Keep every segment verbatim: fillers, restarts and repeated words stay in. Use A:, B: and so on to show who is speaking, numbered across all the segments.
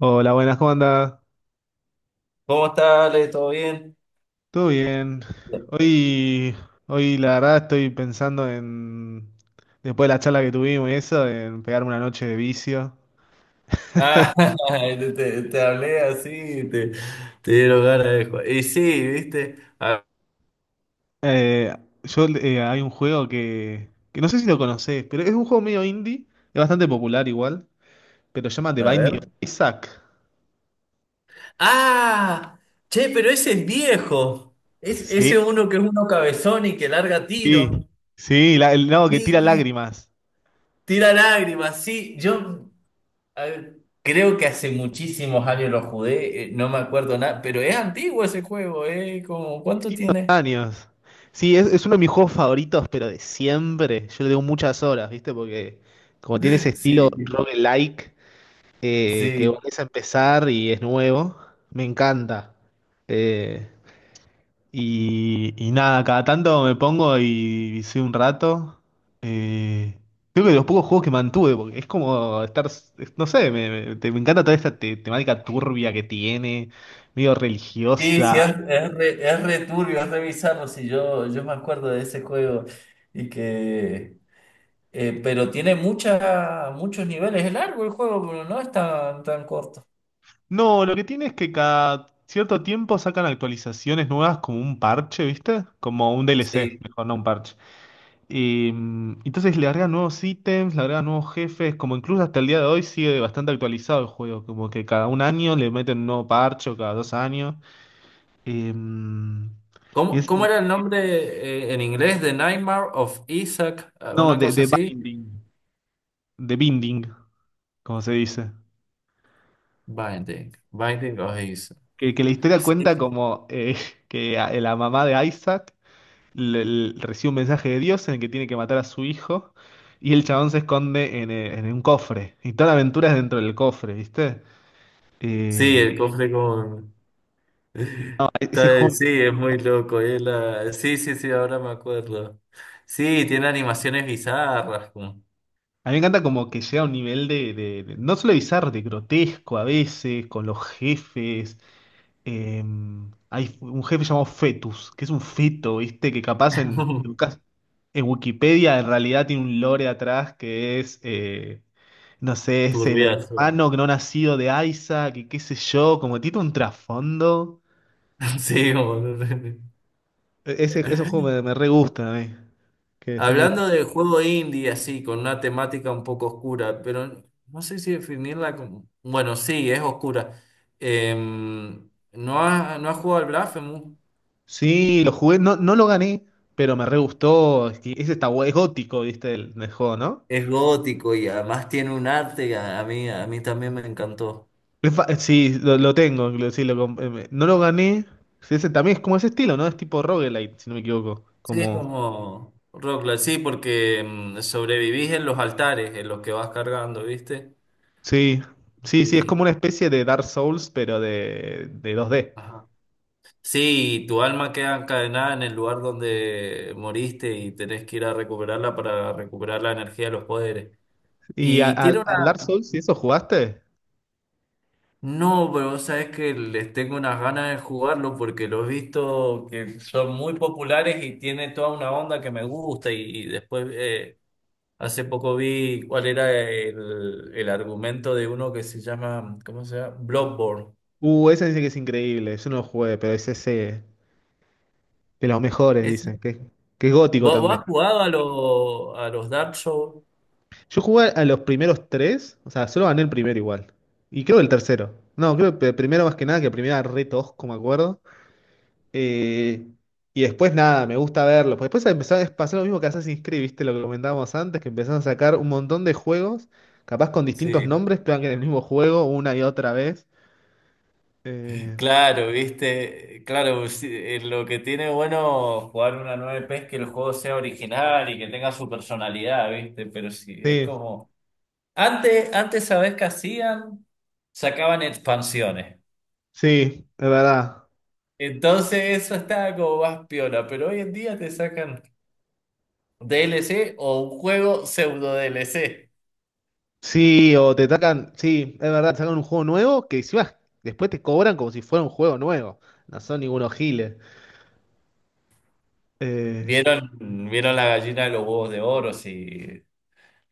A: Hola, buenas, ¿cómo andás?
B: ¿Cómo estás, Ale? ¿Todo bien?
A: ¿Todo bien? Hoy, hoy la verdad estoy pensando en, después de la charla que tuvimos y eso, en pegarme una noche de vicio.
B: Ah, te, te- te hablé así, te, te dieron ganas de jugar. Y sí, ¿viste? A,
A: Eh, yo, eh, hay un juego que, que no sé si lo conocés, pero es un juego medio indie, es bastante popular igual, pero se llama The
B: a
A: Binding
B: ver.
A: of Isaac.
B: ¡Ah! Che, pero ese es viejo. Es, ese
A: Sí,
B: uno que es uno cabezón y que larga
A: sí,
B: tiro.
A: sí, la- el lado que tira
B: Sí,
A: lágrimas.
B: tira lágrimas, sí. Yo a ver, creo que hace muchísimos años lo jugué, eh, no me acuerdo nada, pero es antiguo ese juego, ¿eh? Como, ¿cuánto tiene?
A: Años. Sí, es, es uno de mis juegos favoritos, pero de siempre. Yo le doy muchas horas, ¿viste? Porque como tiene ese estilo
B: Sí,
A: roguelike, eh, que
B: sí.
A: volvés a empezar y es nuevo, me encanta. Eh, y, y nada, cada tanto me pongo y visé un rato. Eh, creo que de los pocos juegos que mantuve, porque es como estar, es- no sé, me, me- te- me encanta toda esta te- temática turbia que tiene, medio
B: Sí, sí, es,
A: religiosa.
B: es re, es re turbio, es re bizarro, sí, yo, yo me acuerdo de ese juego y que... eh, pero tiene mucha, muchos niveles, es largo el juego, pero no es tan, tan corto.
A: No, lo que tiene es que cada cierto tiempo sacan actualizaciones nuevas como un parche, ¿viste? Como un D L C,
B: Sí.
A: mejor no un parche. Y, mm, entonces le agregan nuevos ítems, le agregan nuevos jefes, como incluso hasta el día de hoy sigue bastante actualizado el juego, como que cada un año le meten un nuevo parche o cada dos años. Eh, mm, y
B: ¿Cómo,
A: es-
B: cómo era el nombre eh, en inglés? The Nightmare of Isaac, eh,
A: no,
B: una
A: de,
B: cosa
A: de
B: así.
A: binding, de binding, como se dice.
B: Binding, Binding of Isaac.
A: Que, que la historia
B: Sí,
A: cuenta como eh, que a- la mamá de Isaac le- le- recibe un mensaje de Dios en el que tiene que matar a su hijo y el chabón se esconde en, eh, en un cofre. Y toda la aventura es dentro del cofre, ¿viste?
B: sí,
A: Eh,
B: el cofre con...
A: y no, e- ese
B: Está-
A: juego
B: Sí, es
A: me encanta.
B: muy loco. Es la- Sí, sí, sí, ahora me acuerdo. Sí, tiene animaciones bizarras. Como-
A: A mí me encanta como que llega a un nivel de, de- de- no solo bizarro, de grotesco a veces, con los jefes. Eh, Hay un jefe llamado Fetus, que es un feto, ¿viste? Que capaz en, en cas- en Wikipedia en realidad tiene un lore atrás que es, eh, no sé, es el
B: Turbiazo.
A: hermano que no nacido de Isaac, que qué sé yo, como tiene un trasfondo.
B: Sí, boludo.
A: E- Ese, esos juegos me, me re gustan a mí, que son medio...
B: Hablando de juego indie, así, con una temática un poco oscura, pero no sé si definirla como... Bueno, sí, es oscura. Em, ¿no has, no has jugado al Blasphemous?
A: Sí, lo jugué, no, no lo gané, pero me re gustó. Y ese está, bu- es gótico, ¿viste? El, el juego, ¿no?
B: Es gótico y además tiene un arte que a a mí, a mí también me encantó.
A: Es fa- Sí, lo, lo tengo, lo- sí, lo comp- eh, me- no lo gané. Sí, ese también es como ese estilo, ¿no? Es tipo roguelite, si no me equivoco.
B: Sí, es
A: Como.
B: como roguelike, sí, porque em, sobrevivís en los altares en los que vas cargando, ¿viste?
A: Sí, sí, sí, es como
B: Y...
A: una especie de Dark Souls, pero de, de dos D.
B: Ajá. Sí, tu alma queda encadenada en el lugar donde moriste y tenés que ir a recuperarla para recuperar la energía de los poderes.
A: ¿Y a-
B: Y tiene
A: al al
B: una...
A: Dark Souls, si eso jugaste?
B: No, pero vos sabés que les tengo unas ganas de jugarlo porque lo he visto que son muy populares y tiene toda una onda que me gusta y, y después eh, hace poco vi cuál era el, el argumento de uno que se llama, ¿cómo se llama? Bloodborne.
A: Uh, ese dice que es increíble, yo no lo jugué, pero es ese de los mejores,
B: Ese-
A: dicen, que, que es gótico
B: ¿Vos, vos
A: también.
B: has jugado a, los a los Dark Souls?
A: Yo jugué a los primeros tres, o sea, solo gané el primero igual. Y creo que el tercero. No, creo que el primero más que nada, que el primero era re tosco, me acuerdo. Eh, y después nada, me gusta verlo, porque después empezó a pasar lo mismo que Assassin's Creed, ¿viste? Lo que comentábamos antes, que empezaron a sacar un montón de juegos, capaz con distintos
B: Sí.
A: nombres, pero que en el mismo juego una y otra vez. Eh,
B: Claro, viste, claro, sí, eh, lo que tiene bueno jugar una nueve P es que el juego sea original y que tenga su personalidad, viste, pero sí, es
A: sí,
B: como... Antes, antes, ¿sabés qué hacían? Sacaban expansiones.
A: sí, es verdad.
B: Entonces eso estaba como más piola, pero hoy en día te sacan D L C o un juego pseudo D L C.
A: Sí, o te sacan, sí, es verdad, te sacan un juego nuevo que encima después te cobran como si fuera un juego nuevo. No son ningunos giles. Eh,
B: ¿Vieron, vieron la gallina de los huevos de oro? Sí,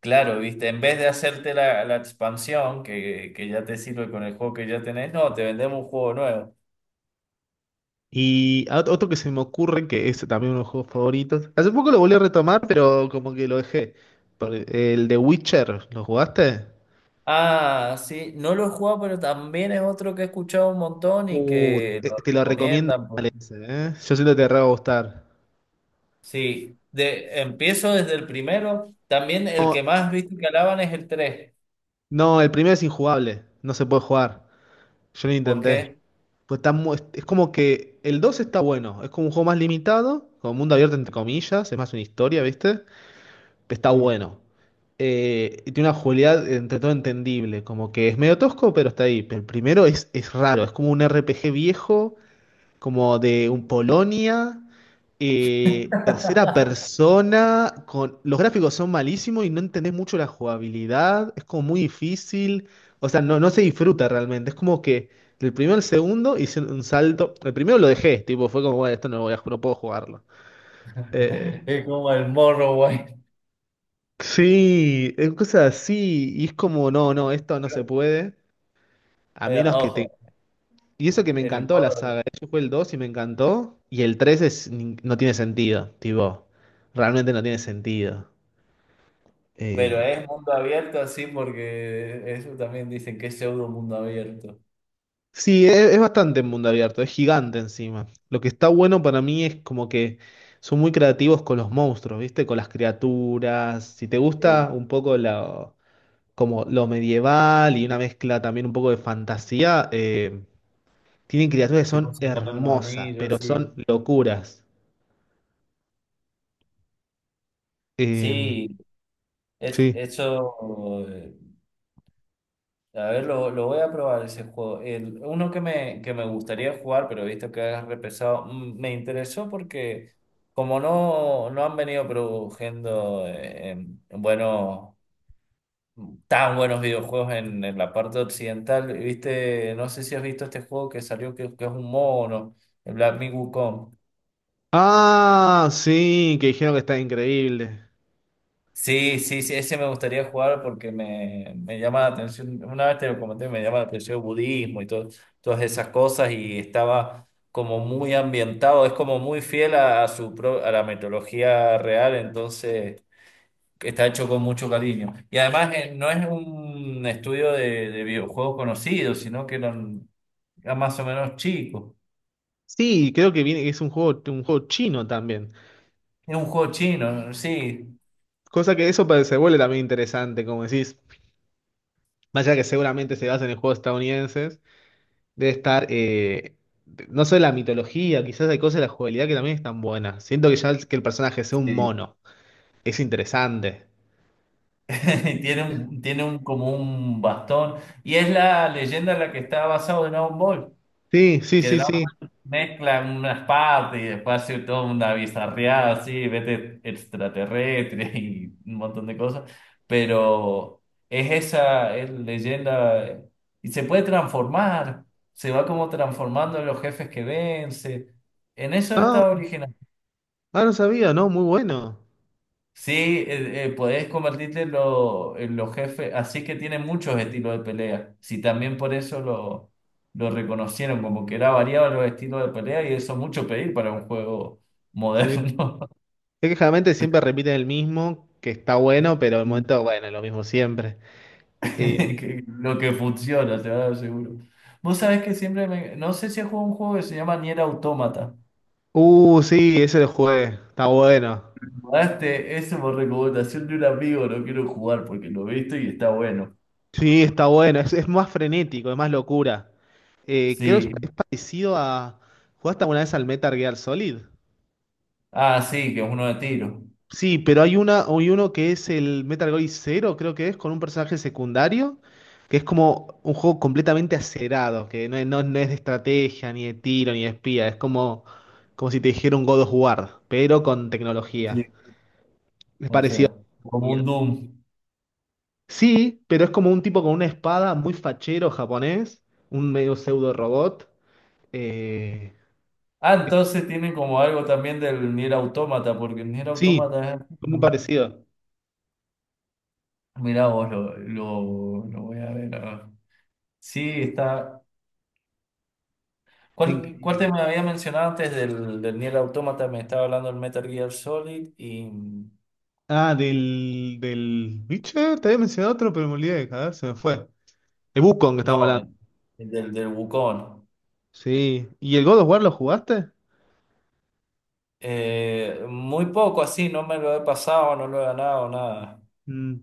B: claro, viste, en vez de hacerte la, la expansión que, que ya te sirve con el juego que ya tenés, no, te vendemos un juego nuevo.
A: Y a- otro que se me ocurre, que es también uno de los juegos favoritos. Hace poco lo volví a retomar, pero como que lo dejé. Por- e-, El de Witcher, ¿lo jugaste?
B: Ah, sí, no lo he jugado, pero también es otro que he escuchado un montón y
A: Uh,
B: que
A: te,
B: lo
A: te lo recomiendo
B: recomiendan. Por-
A: ese, ¿eh? Yo siento que te re va a gustar.
B: Sí, de, empiezo desde el primero. También el
A: No,
B: que más viste que alaban es el tres.
A: no, el primero es injugable, no se puede jugar. Yo lo
B: ¿Por
A: intenté.
B: qué?
A: Pues está mu- es como que el dos está bueno, es como un juego más limitado, como mundo abierto entre comillas, es más una historia, ¿viste? Está
B: Sí.
A: bueno. Eh, y tiene una jugabilidad eh, entre todo entendible, como que es medio tosco, pero está ahí. Pero el primero es, es raro, es como un R P G viejo, como de un Polonia, eh, tercera persona, con... los gráficos son malísimos y no entendés mucho la jugabilidad, es como muy difícil, o sea, no, no se disfruta realmente, es como que del primero al segundo hice un salto, el primero lo dejé, tipo, fue como, bueno, esto no, lo voy a, no puedo jugarlo. Eh,
B: Es como el Morrowind.
A: Sí, es cosas así, y es como, no, no, esto no se puede, a
B: Eh,
A: menos que te...
B: ojo,
A: Y eso que me
B: el
A: encantó la
B: Morrowind.
A: saga, yo jugué el dos y me encantó, y el tres es, nin- no tiene sentido, tipo, realmente no tiene sentido.
B: Pero
A: Eh,
B: es mundo abierto así porque eso también dicen que es pseudo mundo abierto.
A: sí, es, es bastante mundo abierto, es gigante encima. Lo que está bueno para mí es como que son muy creativos con los monstruos, ¿viste? Con las criaturas, si te
B: Sí.
A: gusta un poco la... como lo medieval y una mezcla también un poco de fantasía, eh, tienen criaturas que
B: Tipo
A: son
B: Señor de los
A: hermosas, pero
B: Anillos, sí.
A: son locuras. Eh,
B: Sí, es,
A: sí.
B: eso. Eh, A ver, lo, lo voy a probar ese juego. El- uno que me, que me gustaría jugar, pero he visto que has repesado, mm, me interesó porque como no, no han venido produciendo eh, em, buenos tan buenos videojuegos en, en la parte occidental. Viste, no sé si has visto este juego que salió que, que es un mono, el Black Myth Wukong.
A: Ah, sí, que dijeron que está increíble.
B: Sí, sí, sí, ese me gustaría jugar porque me, me llama la atención. Una vez te lo comenté, me llama la atención el budismo y todo, todas esas cosas. Y estaba como muy ambientado, es como muy fiel a, a su pro- a la mitología real, entonces está hecho con mucho cariño. Y además eh, no es un estudio de, de videojuegos conocido, sino que no. era más o menos chico.
A: Sí, creo que viene, es un juego, un juego chino también.
B: Es un juego chino, sí.
A: Cosa que eso pa- se vuelve también interesante, como decís, más allá que seguramente se basa en juegos estadounidenses, debe estar, eh, no solo la mitología, quizás hay cosas de la jugabilidad que también están buenas. Siento que ya el- que el personaje sea un
B: Sí.
A: mono, es interesante.
B: Tiene un, tiene un, como un bastón. Y es la leyenda en la que está basado en Dragon Ball.
A: Sí, sí,
B: Que
A: sí,
B: Dragon
A: sí.
B: mezcla unas partes y después hace toda una bizarreada así, vete extraterrestre y un montón de cosas. Pero es esa es leyenda. Eh, Y se puede transformar. Se va como transformando en los jefes que vence. En eso
A: Ah,
B: está original.
A: ah, no sabía, no, muy bueno.
B: Sí, eh, eh, podés convertirte en, lo- en los jefes, así que tiene muchos estilos de pelea. Sí, también por eso lo, lo reconocieron, como que era variado los estilos de pelea y eso es mucho pedir para un juego
A: Sí.
B: moderno,
A: Es que generalmente siempre repiten el mismo, que está bueno, pero el
B: Mm.
A: momento, bueno, es lo mismo siempre. Eh,
B: que- lo que funciona, te lo seguro. Vos sabés que siempre me... No sé si he jugado un juego que se llama Nier Automata.
A: uh, sí, ese lo jugué, está bueno.
B: Jugaste eso por recomendación de un amigo, lo quiero jugar porque lo he visto y está bueno.
A: Sí, está bueno, es, es más frenético, es más locura. Eh, creo que es
B: Sí.
A: es parecido a... ¿Jugaste alguna vez al Metal Gear Solid?
B: Ah, sí, que es uno de tiro.
A: Sí, pero hay una, hay uno que es el Metal Gear Zero, creo que es, con un personaje secundario, que es como un juego completamente acerado, que no, es- no, no es de estrategia, ni de tiro, ni de espía, es como, como si te dijera un God of War, pero con tecnología.
B: Sí,
A: Es
B: o
A: parecido
B: sea,
A: a
B: como
A: Nier.
B: un Doom.
A: Sí, pero es como un tipo con una espada muy fachero japonés, un medio pseudo robot. eh,
B: Ah, entonces tienen como algo también del Nier Automata, porque el Nier
A: sí,
B: Automata es...
A: Muy parecido.
B: Mirá vos, lo, lo, lo voy a ver. Ahora. Sí, está...
A: Está
B: ¿Cuál, cuál
A: increíble.
B: te me había mencionado antes del, del Nier Automata? Me estaba hablando del Metal Gear Solid y...
A: Ah, del, del... ¿Viste? Te había mencionado otro, pero me olvidé, joder, se me fue. El Wukong que estamos
B: No,
A: hablando.
B: el el del, del Wukong.
A: Sí. ¿Y el God of War lo jugaste?
B: Eh, muy poco así, no me lo he pasado, no lo he ganado, nada.
A: Mm,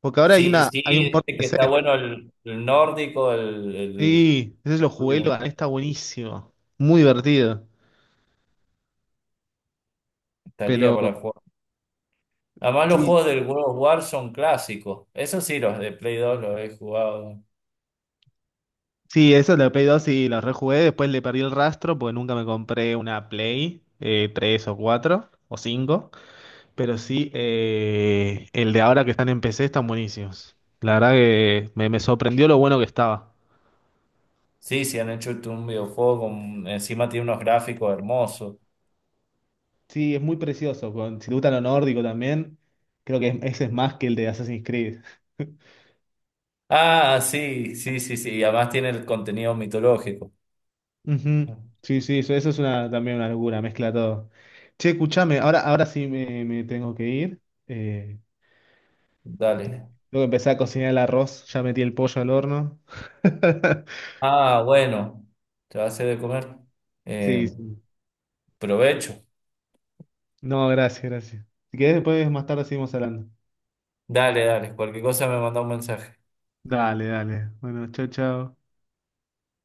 A: Porque ahora hay
B: Sí,
A: una,
B: sí,
A: hay un port de
B: este que
A: P C.
B: está bueno el, el nórdico, el, el
A: Sí, ese lo jugué,
B: último.
A: lo gané, está buenísimo. Muy divertido.
B: Estaría
A: Pero
B: para jugar. Además, los
A: sí,
B: juegos del World of War son clásicos. Eso sí, los de Play dos los he jugado.
A: sí, eso lo Play dos sí lo rejugué, después le perdí el rastro porque nunca me compré una Play eh, tres o cuatro o cinco. Pero sí, eh, el de ahora que están en P C están buenísimos. La verdad que me, me sorprendió lo bueno que estaba.
B: Sí, sí, han hecho este, un videojuego con... Encima tiene unos gráficos hermosos.
A: Sí, es muy precioso. con- Si te gusta lo nórdico también, creo que es- ese es más que el de Assassin's Creed.
B: Ah, sí, sí, sí, sí. y además tiene el contenido mitológico.
A: Ujú. Sí, sí, eso, eso es una, también una locura, mezcla todo. Che, escuchame, ahora, ahora sí me, me tengo que ir. Eh,
B: Dale.
A: Tengo que empezar a cocinar el arroz, ya metí el pollo al horno.
B: Ah, bueno. Te va a hacer de comer.
A: Sí,
B: Eh,
A: sí.
B: provecho.
A: No, gracias, gracias. Si querés, después más tarde seguimos hablando.
B: Dale, dale. Cualquier cosa me manda un mensaje.
A: Dale, dale. Bueno, chao, chao.